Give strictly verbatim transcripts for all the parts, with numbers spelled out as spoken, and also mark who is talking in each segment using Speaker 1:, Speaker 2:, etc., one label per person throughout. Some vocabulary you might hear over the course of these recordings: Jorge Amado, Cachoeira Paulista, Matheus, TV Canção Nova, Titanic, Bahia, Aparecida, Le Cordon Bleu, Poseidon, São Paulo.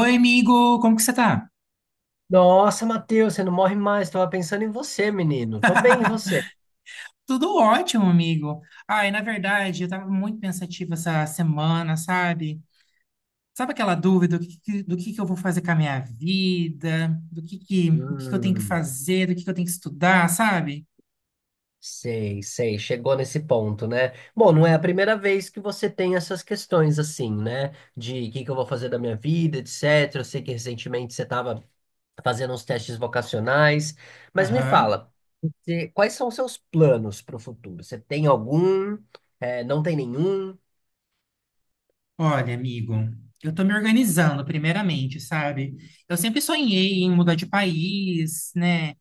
Speaker 1: Oi, amigo, como que você tá?
Speaker 2: Nossa, Matheus, você não morre mais. Tava pensando em você, menino. Tô bem, e você?
Speaker 1: Tudo ótimo, amigo. Ai, na verdade, eu tava muito pensativa essa semana, sabe? Sabe aquela dúvida do que, que- do que que eu vou fazer com a minha vida? Do que que, o que que eu tenho que
Speaker 2: Hum,
Speaker 1: fazer? Do que que eu tenho que estudar, sabe?
Speaker 2: sei, sei. Chegou nesse ponto, né? Bom, não é a primeira vez que você tem essas questões assim, né? De o que que eu vou fazer da minha vida, etcétera. Eu sei que recentemente você tava fazendo uns testes vocacionais, mas me
Speaker 1: Aham.
Speaker 2: fala, você- quais são os seus planos para o futuro? Você tem algum? É, não tem nenhum?
Speaker 1: Olha, amigo, eu tô me organizando, primeiramente, sabe? Eu sempre sonhei em mudar de país, né?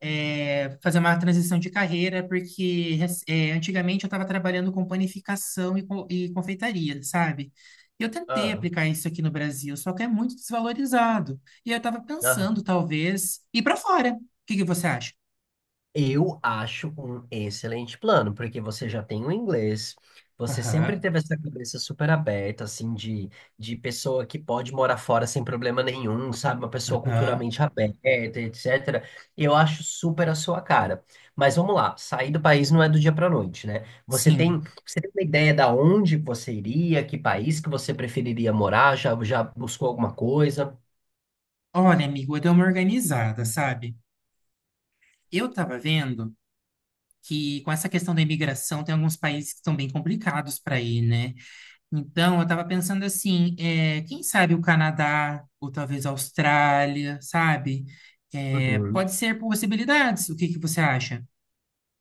Speaker 1: é, Fazer uma transição de carreira, porque é, antigamente eu estava trabalhando com panificação e, co- e confeitaria, sabe? E eu tentei aplicar isso aqui no Brasil, só que é muito desvalorizado. E eu estava
Speaker 2: Ah,
Speaker 1: pensando, talvez, ir para fora. O que que você acha?
Speaker 2: Eu acho um excelente plano, porque você já tem o inglês, você sempre
Speaker 1: Aham,
Speaker 2: teve essa cabeça super aberta, assim, de, de pessoa que pode morar fora sem problema nenhum, sabe? Uma pessoa
Speaker 1: aham.
Speaker 2: culturalmente aberta, etcétera. Eu acho super a sua cara. Mas vamos lá, sair do país não é do dia para noite, né? Você tem,
Speaker 1: Sim.
Speaker 2: você tem uma ideia da onde você iria, que país que você preferiria morar? Já, já buscou alguma coisa?
Speaker 1: Olha, amigo, eu dei uma organizada, sabe? Eu estava vendo que com essa questão da imigração tem alguns países que estão bem complicados para ir, né? Então, eu estava pensando assim, é, quem sabe o Canadá, ou talvez a Austrália, sabe? É, pode ser possibilidades. O que que você acha?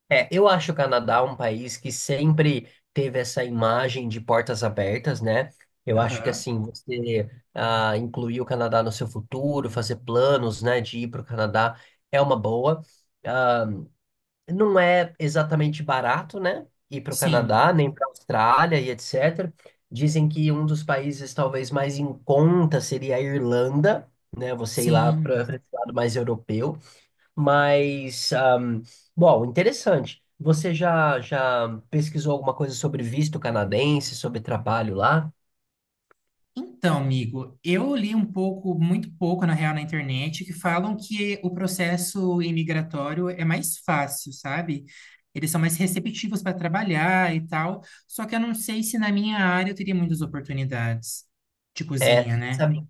Speaker 2: É, eu acho o Canadá um país que sempre teve essa imagem de portas abertas, né? Eu acho que
Speaker 1: Aham.
Speaker 2: assim, você ah, incluir o Canadá no seu futuro, fazer planos, né, de ir para o Canadá é uma boa. Ah, não é exatamente barato, né, ir para o Canadá,
Speaker 1: Sim,
Speaker 2: nem para a Austrália e etcétera. Dizem que um dos países talvez mais em conta seria a Irlanda, né? Você ir lá para
Speaker 1: sim.
Speaker 2: esse lado mais europeu. Mas, ahm, bom, interessante. Você já, já pesquisou alguma coisa sobre visto canadense, sobre trabalho lá?
Speaker 1: Então, amigo, eu li um pouco, muito pouco, na real, na internet, que falam que o processo imigratório é mais fácil, sabe? Eles são mais receptivos para trabalhar e tal. Só que eu não sei se na minha área eu teria muitas oportunidades de
Speaker 2: É,
Speaker 1: cozinha, né?
Speaker 2: sabe,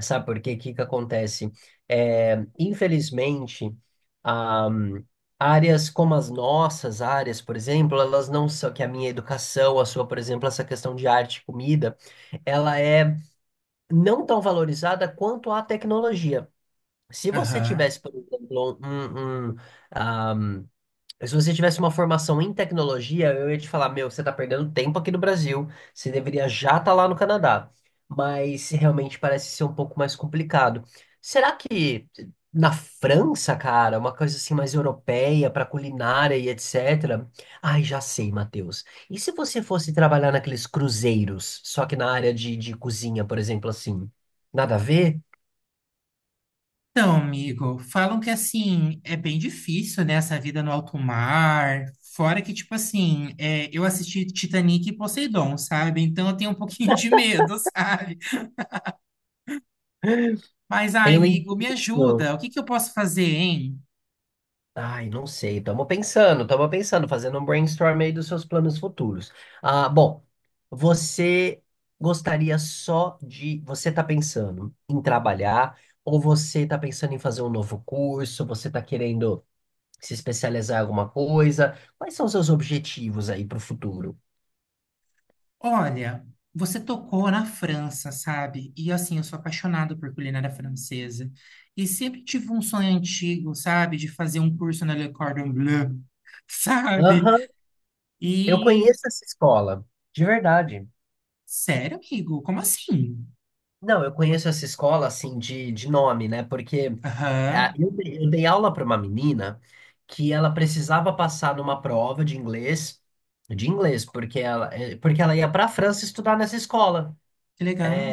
Speaker 2: sabe por quê? O que que acontece? É, infelizmente, ahm, áreas como as nossas áreas, por exemplo, elas não são, que a minha educação, a sua, por exemplo, essa questão de arte e comida, ela é não tão valorizada quanto a tecnologia. Se você
Speaker 1: Aham.
Speaker 2: tivesse, por exemplo, um, um, Mas se você tivesse uma formação em tecnologia, eu ia te falar, meu, você está perdendo tempo aqui no Brasil, você deveria já estar lá no Canadá. Mas realmente parece ser um pouco mais complicado. Será que na França, cara, uma coisa assim mais europeia, para culinária e etcétera. Ai, já sei, Matheus. E se você fosse trabalhar naqueles cruzeiros, só que na área de, de cozinha, por exemplo, assim? Nada a ver?
Speaker 1: Então, amigo, falam que assim é bem difícil, né, essa vida no alto mar. Fora que, tipo assim, é, eu assisti Titanic e Poseidon, sabe? Então eu tenho um pouquinho de medo, sabe? Mas, ai,
Speaker 2: Eu
Speaker 1: amigo, me
Speaker 2: entendo.
Speaker 1: ajuda. O que que eu posso fazer, hein?
Speaker 2: Ai, não sei. Estamos pensando, estamos pensando, fazendo um brainstorm aí dos seus planos futuros. Ah, bom, você gostaria só de. Você está pensando em trabalhar, ou você está pensando em fazer um novo curso, você está querendo se especializar em alguma coisa? Quais são os seus objetivos aí para o futuro?
Speaker 1: Olha, você tocou na França, sabe? E assim, eu sou apaixonado por culinária francesa. E sempre tive um sonho antigo, sabe? De fazer um curso na Le Cordon Bleu, sabe?
Speaker 2: Aham, eu
Speaker 1: E,
Speaker 2: conheço essa escola, de verdade.
Speaker 1: sério, amigo, como assim?
Speaker 2: Não, eu conheço essa escola assim de, de nome, né? Porque ah,
Speaker 1: Aham,
Speaker 2: eu, dei eu dei aula para uma menina que ela precisava passar numa prova de inglês, de inglês, porque ela, eh, porque ela ia para a França estudar nessa escola.
Speaker 1: que legal.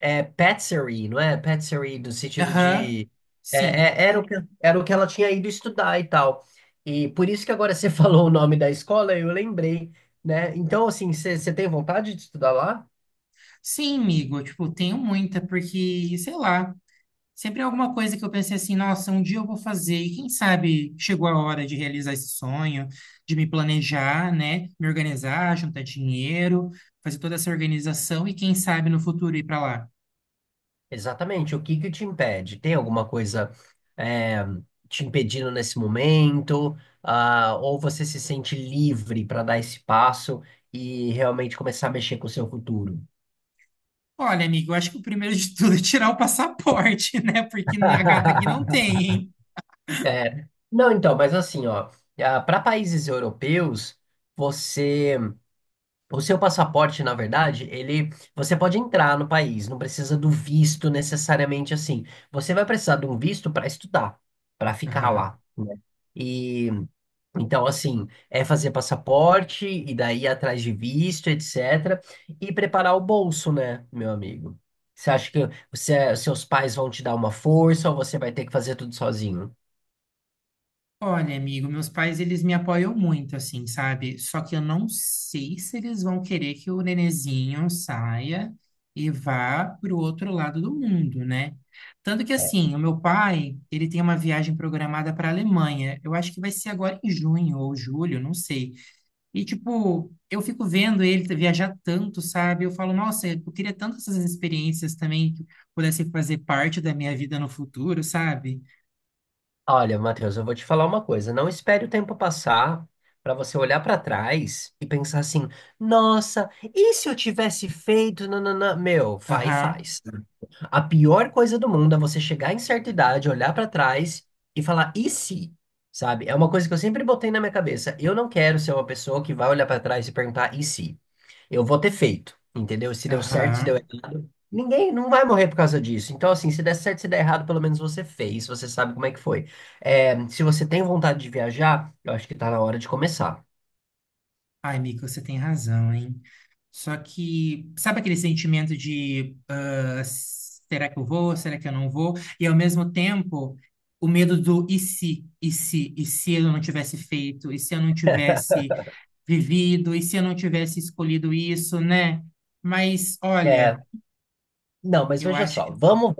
Speaker 2: É patisserie, não é? Patisserie no sentido
Speaker 1: Aham,
Speaker 2: de
Speaker 1: sim.
Speaker 2: é, é- era o que, era o que ela tinha ido estudar e tal. E por isso que agora você falou o nome da escola, eu lembrei, né? Então, assim, você você tem vontade de estudar lá?
Speaker 1: Sim, amigo, tipo, tenho muita, porque, sei lá, sempre é alguma coisa que eu pensei assim, nossa, um dia eu vou fazer, e quem sabe chegou a hora de realizar esse sonho, de me planejar, né, me organizar, juntar dinheiro, fazer toda essa organização e quem sabe no futuro ir pra lá.
Speaker 2: Exatamente. O que que te impede? Tem alguma coisa é, te impedindo nesse momento? Ah, ou você se sente livre para dar esse passo e realmente começar a mexer com o seu futuro?
Speaker 1: Olha, amigo, eu acho que o primeiro de tudo é tirar o passaporte, né, porque a gata aqui não tem, hein?
Speaker 2: É, não, então, mas assim, ó, para países europeus, você, o seu passaporte, na verdade, ele, você pode entrar no país, não precisa do visto necessariamente assim. Você vai precisar de um visto para estudar, para ficar lá, né? E então, assim, é fazer passaporte e daí ir atrás de visto, etcétera. E preparar o bolso, né, meu amigo? Você acha que você- seus pais vão te dar uma força ou você vai ter que fazer tudo sozinho?
Speaker 1: Olha, amigo, meus pais, eles me apoiam muito, assim, sabe? Só que eu não sei se eles vão querer que o nenenzinho saia e vá para o outro lado do mundo, né? Tanto que, assim, o meu pai, ele tem uma viagem programada para a Alemanha. Eu acho que vai ser agora em junho ou julho, não sei. E, tipo, eu fico vendo ele viajar tanto, sabe? Eu falo, nossa, eu queria tanto essas experiências também que pudessem fazer parte da minha vida no futuro, sabe?
Speaker 2: Olha, Matheus, eu vou te falar uma coisa. Não espere o tempo passar para você olhar para trás e pensar assim: nossa, e se eu tivesse feito? Nananã? Meu, vai e
Speaker 1: Aham,
Speaker 2: faz. A pior coisa do mundo é você chegar em certa idade, olhar pra trás e falar, e se? Sabe? É uma coisa que eu sempre botei na minha cabeça. Eu não quero ser uma pessoa que vai olhar pra trás e perguntar, e se? Eu vou ter feito, entendeu? Se deu certo, se deu
Speaker 1: aham.
Speaker 2: errado. Ninguém não vai morrer por causa disso. Então, assim, se der certo, se der errado, pelo menos você fez, você sabe como é que foi. É, se você tem vontade de viajar, eu acho que tá na hora de começar.
Speaker 1: Ai, Mika, você tem razão, hein? Só que, sabe aquele sentimento de ah, será que eu vou, será que eu não vou? E ao mesmo tempo, o medo do e se, e se, e se eu não tivesse feito, e se eu não tivesse vivido, e se eu não tivesse escolhido isso, né? Mas, olha,
Speaker 2: É, não, mas
Speaker 1: eu
Speaker 2: veja
Speaker 1: acho
Speaker 2: só,
Speaker 1: que.
Speaker 2: vamos.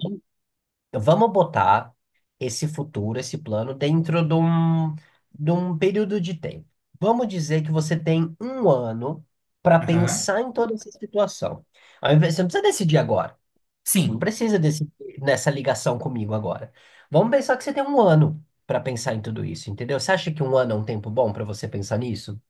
Speaker 2: Vamos botar esse futuro, esse plano, dentro de um, de um período de tempo. Vamos dizer que você tem um ano para
Speaker 1: Aham.
Speaker 2: pensar em toda essa situação. Ao invés- Você não precisa decidir agora. Não
Speaker 1: Sim.
Speaker 2: precisa decidir nessa ligação comigo agora. Vamos pensar que você tem um ano para pensar em tudo isso, entendeu? Você acha que um ano é um tempo bom para você pensar nisso?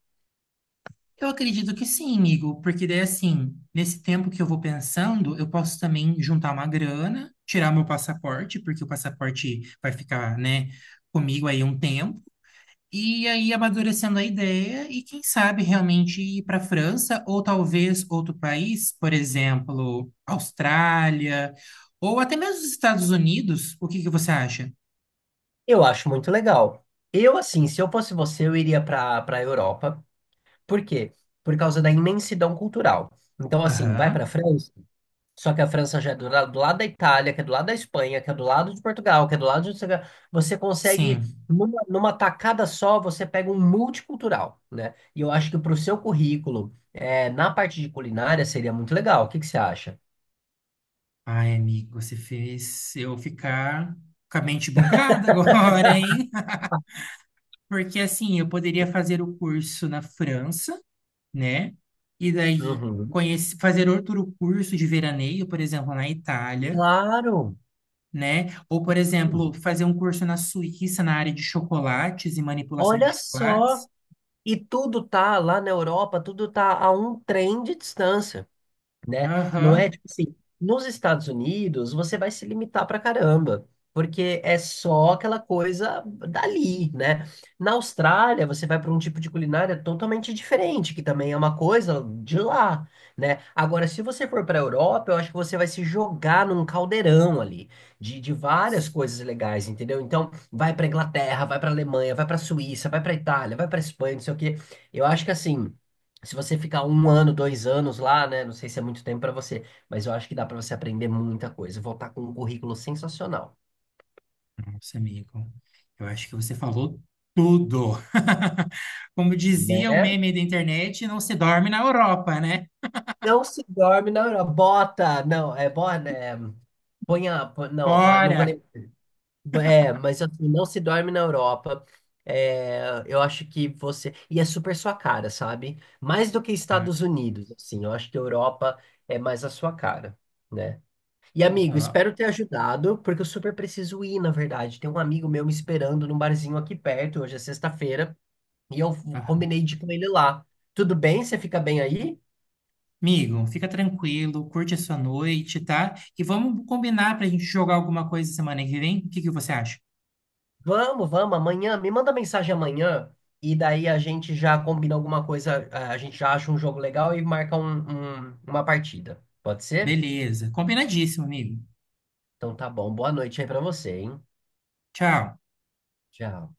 Speaker 1: Eu acredito que sim, Igor, porque daí assim, nesse tempo que eu vou pensando, eu posso também juntar uma grana, tirar meu passaporte, porque o passaporte vai ficar, né, comigo aí um tempo, e aí amadurecendo a ideia e quem sabe realmente ir para a França ou talvez outro país, por exemplo, Austrália ou até mesmo os Estados Unidos. O que que você acha?
Speaker 2: Eu acho muito legal. Eu, assim, se eu fosse você, eu iria para para a Europa. Por quê? Por causa da imensidão cultural. Então, assim, vai para a
Speaker 1: Aham,
Speaker 2: França. Só que a França já é do, la- do lado da Itália, que é do lado da Espanha, que é do lado de Portugal, que é do lado de... Você consegue,
Speaker 1: sim.
Speaker 2: numa, numa tacada só, você pega um multicultural, né? E eu acho que para o seu currículo, é, na parte de culinária, seria muito legal. O que que você acha?
Speaker 1: Ai, amigo, você fez eu ficar com a mente bugada agora, hein? Porque assim, eu poderia fazer o curso na França, né? E daí
Speaker 2: Uhum.
Speaker 1: conhece- fazer outro curso de veraneio, por exemplo, na Itália,
Speaker 2: Claro!
Speaker 1: né? Ou, por exemplo, fazer um curso na Suíça na área de chocolates e manipulação de
Speaker 2: Olha só!
Speaker 1: chocolates.
Speaker 2: E tudo tá lá na Europa, tudo tá a um trem de distância, né? Não é
Speaker 1: Aham.
Speaker 2: tipo assim, nos Estados Unidos você vai se limitar pra caramba, porque é só aquela coisa dali, né? Na Austrália você vai para um tipo de culinária totalmente diferente, que também é uma coisa de lá, né? Agora, se você for para a Europa, eu acho que você vai se jogar num caldeirão ali de, de várias coisas legais, entendeu? Então, vai para Inglaterra, vai para Alemanha, vai para Suíça, vai para Itália, vai para Espanha, não sei o quê. Eu acho que assim. Se você ficar um ano, dois anos lá, né? Não sei se é muito tempo para você, mas eu acho que dá para você aprender muita coisa. Voltar com um currículo sensacional,
Speaker 1: Nossa, amigo, eu acho que você falou tudo. Como dizia o
Speaker 2: né?
Speaker 1: meme da internet, não se dorme na Europa, né?
Speaker 2: Não se dorme na Europa. Bota, não, é bota, é, põe a, põe- não, ó, não vou
Speaker 1: Bora!
Speaker 2: lembrar. É, mas assim, não se dorme na Europa. É, eu acho que você. E é super sua cara, sabe? Mais do que Estados Unidos, assim. Eu acho que a Europa é mais a sua cara, né? E amigo,
Speaker 1: Aham.
Speaker 2: espero ter ajudado, porque eu super preciso ir, na verdade. Tem um amigo meu me esperando num barzinho aqui perto, hoje é sexta-feira, e eu
Speaker 1: Aham.
Speaker 2: combinei de ir com ele lá. Tudo bem? Você fica bem aí?
Speaker 1: Amigo, fica tranquilo, curte a sua noite, tá? E vamos combinar pra gente jogar alguma coisa semana que vem? O que que você acha?
Speaker 2: Vamos, vamos, amanhã. Me manda mensagem amanhã, e daí a gente já combina alguma coisa, a a gente já acha um jogo legal e marca um- um- uma partida. Pode ser?
Speaker 1: Beleza, combinadíssimo, amigo.
Speaker 2: Então tá bom. Boa noite aí pra você, hein?
Speaker 1: Tchau.
Speaker 2: Tchau.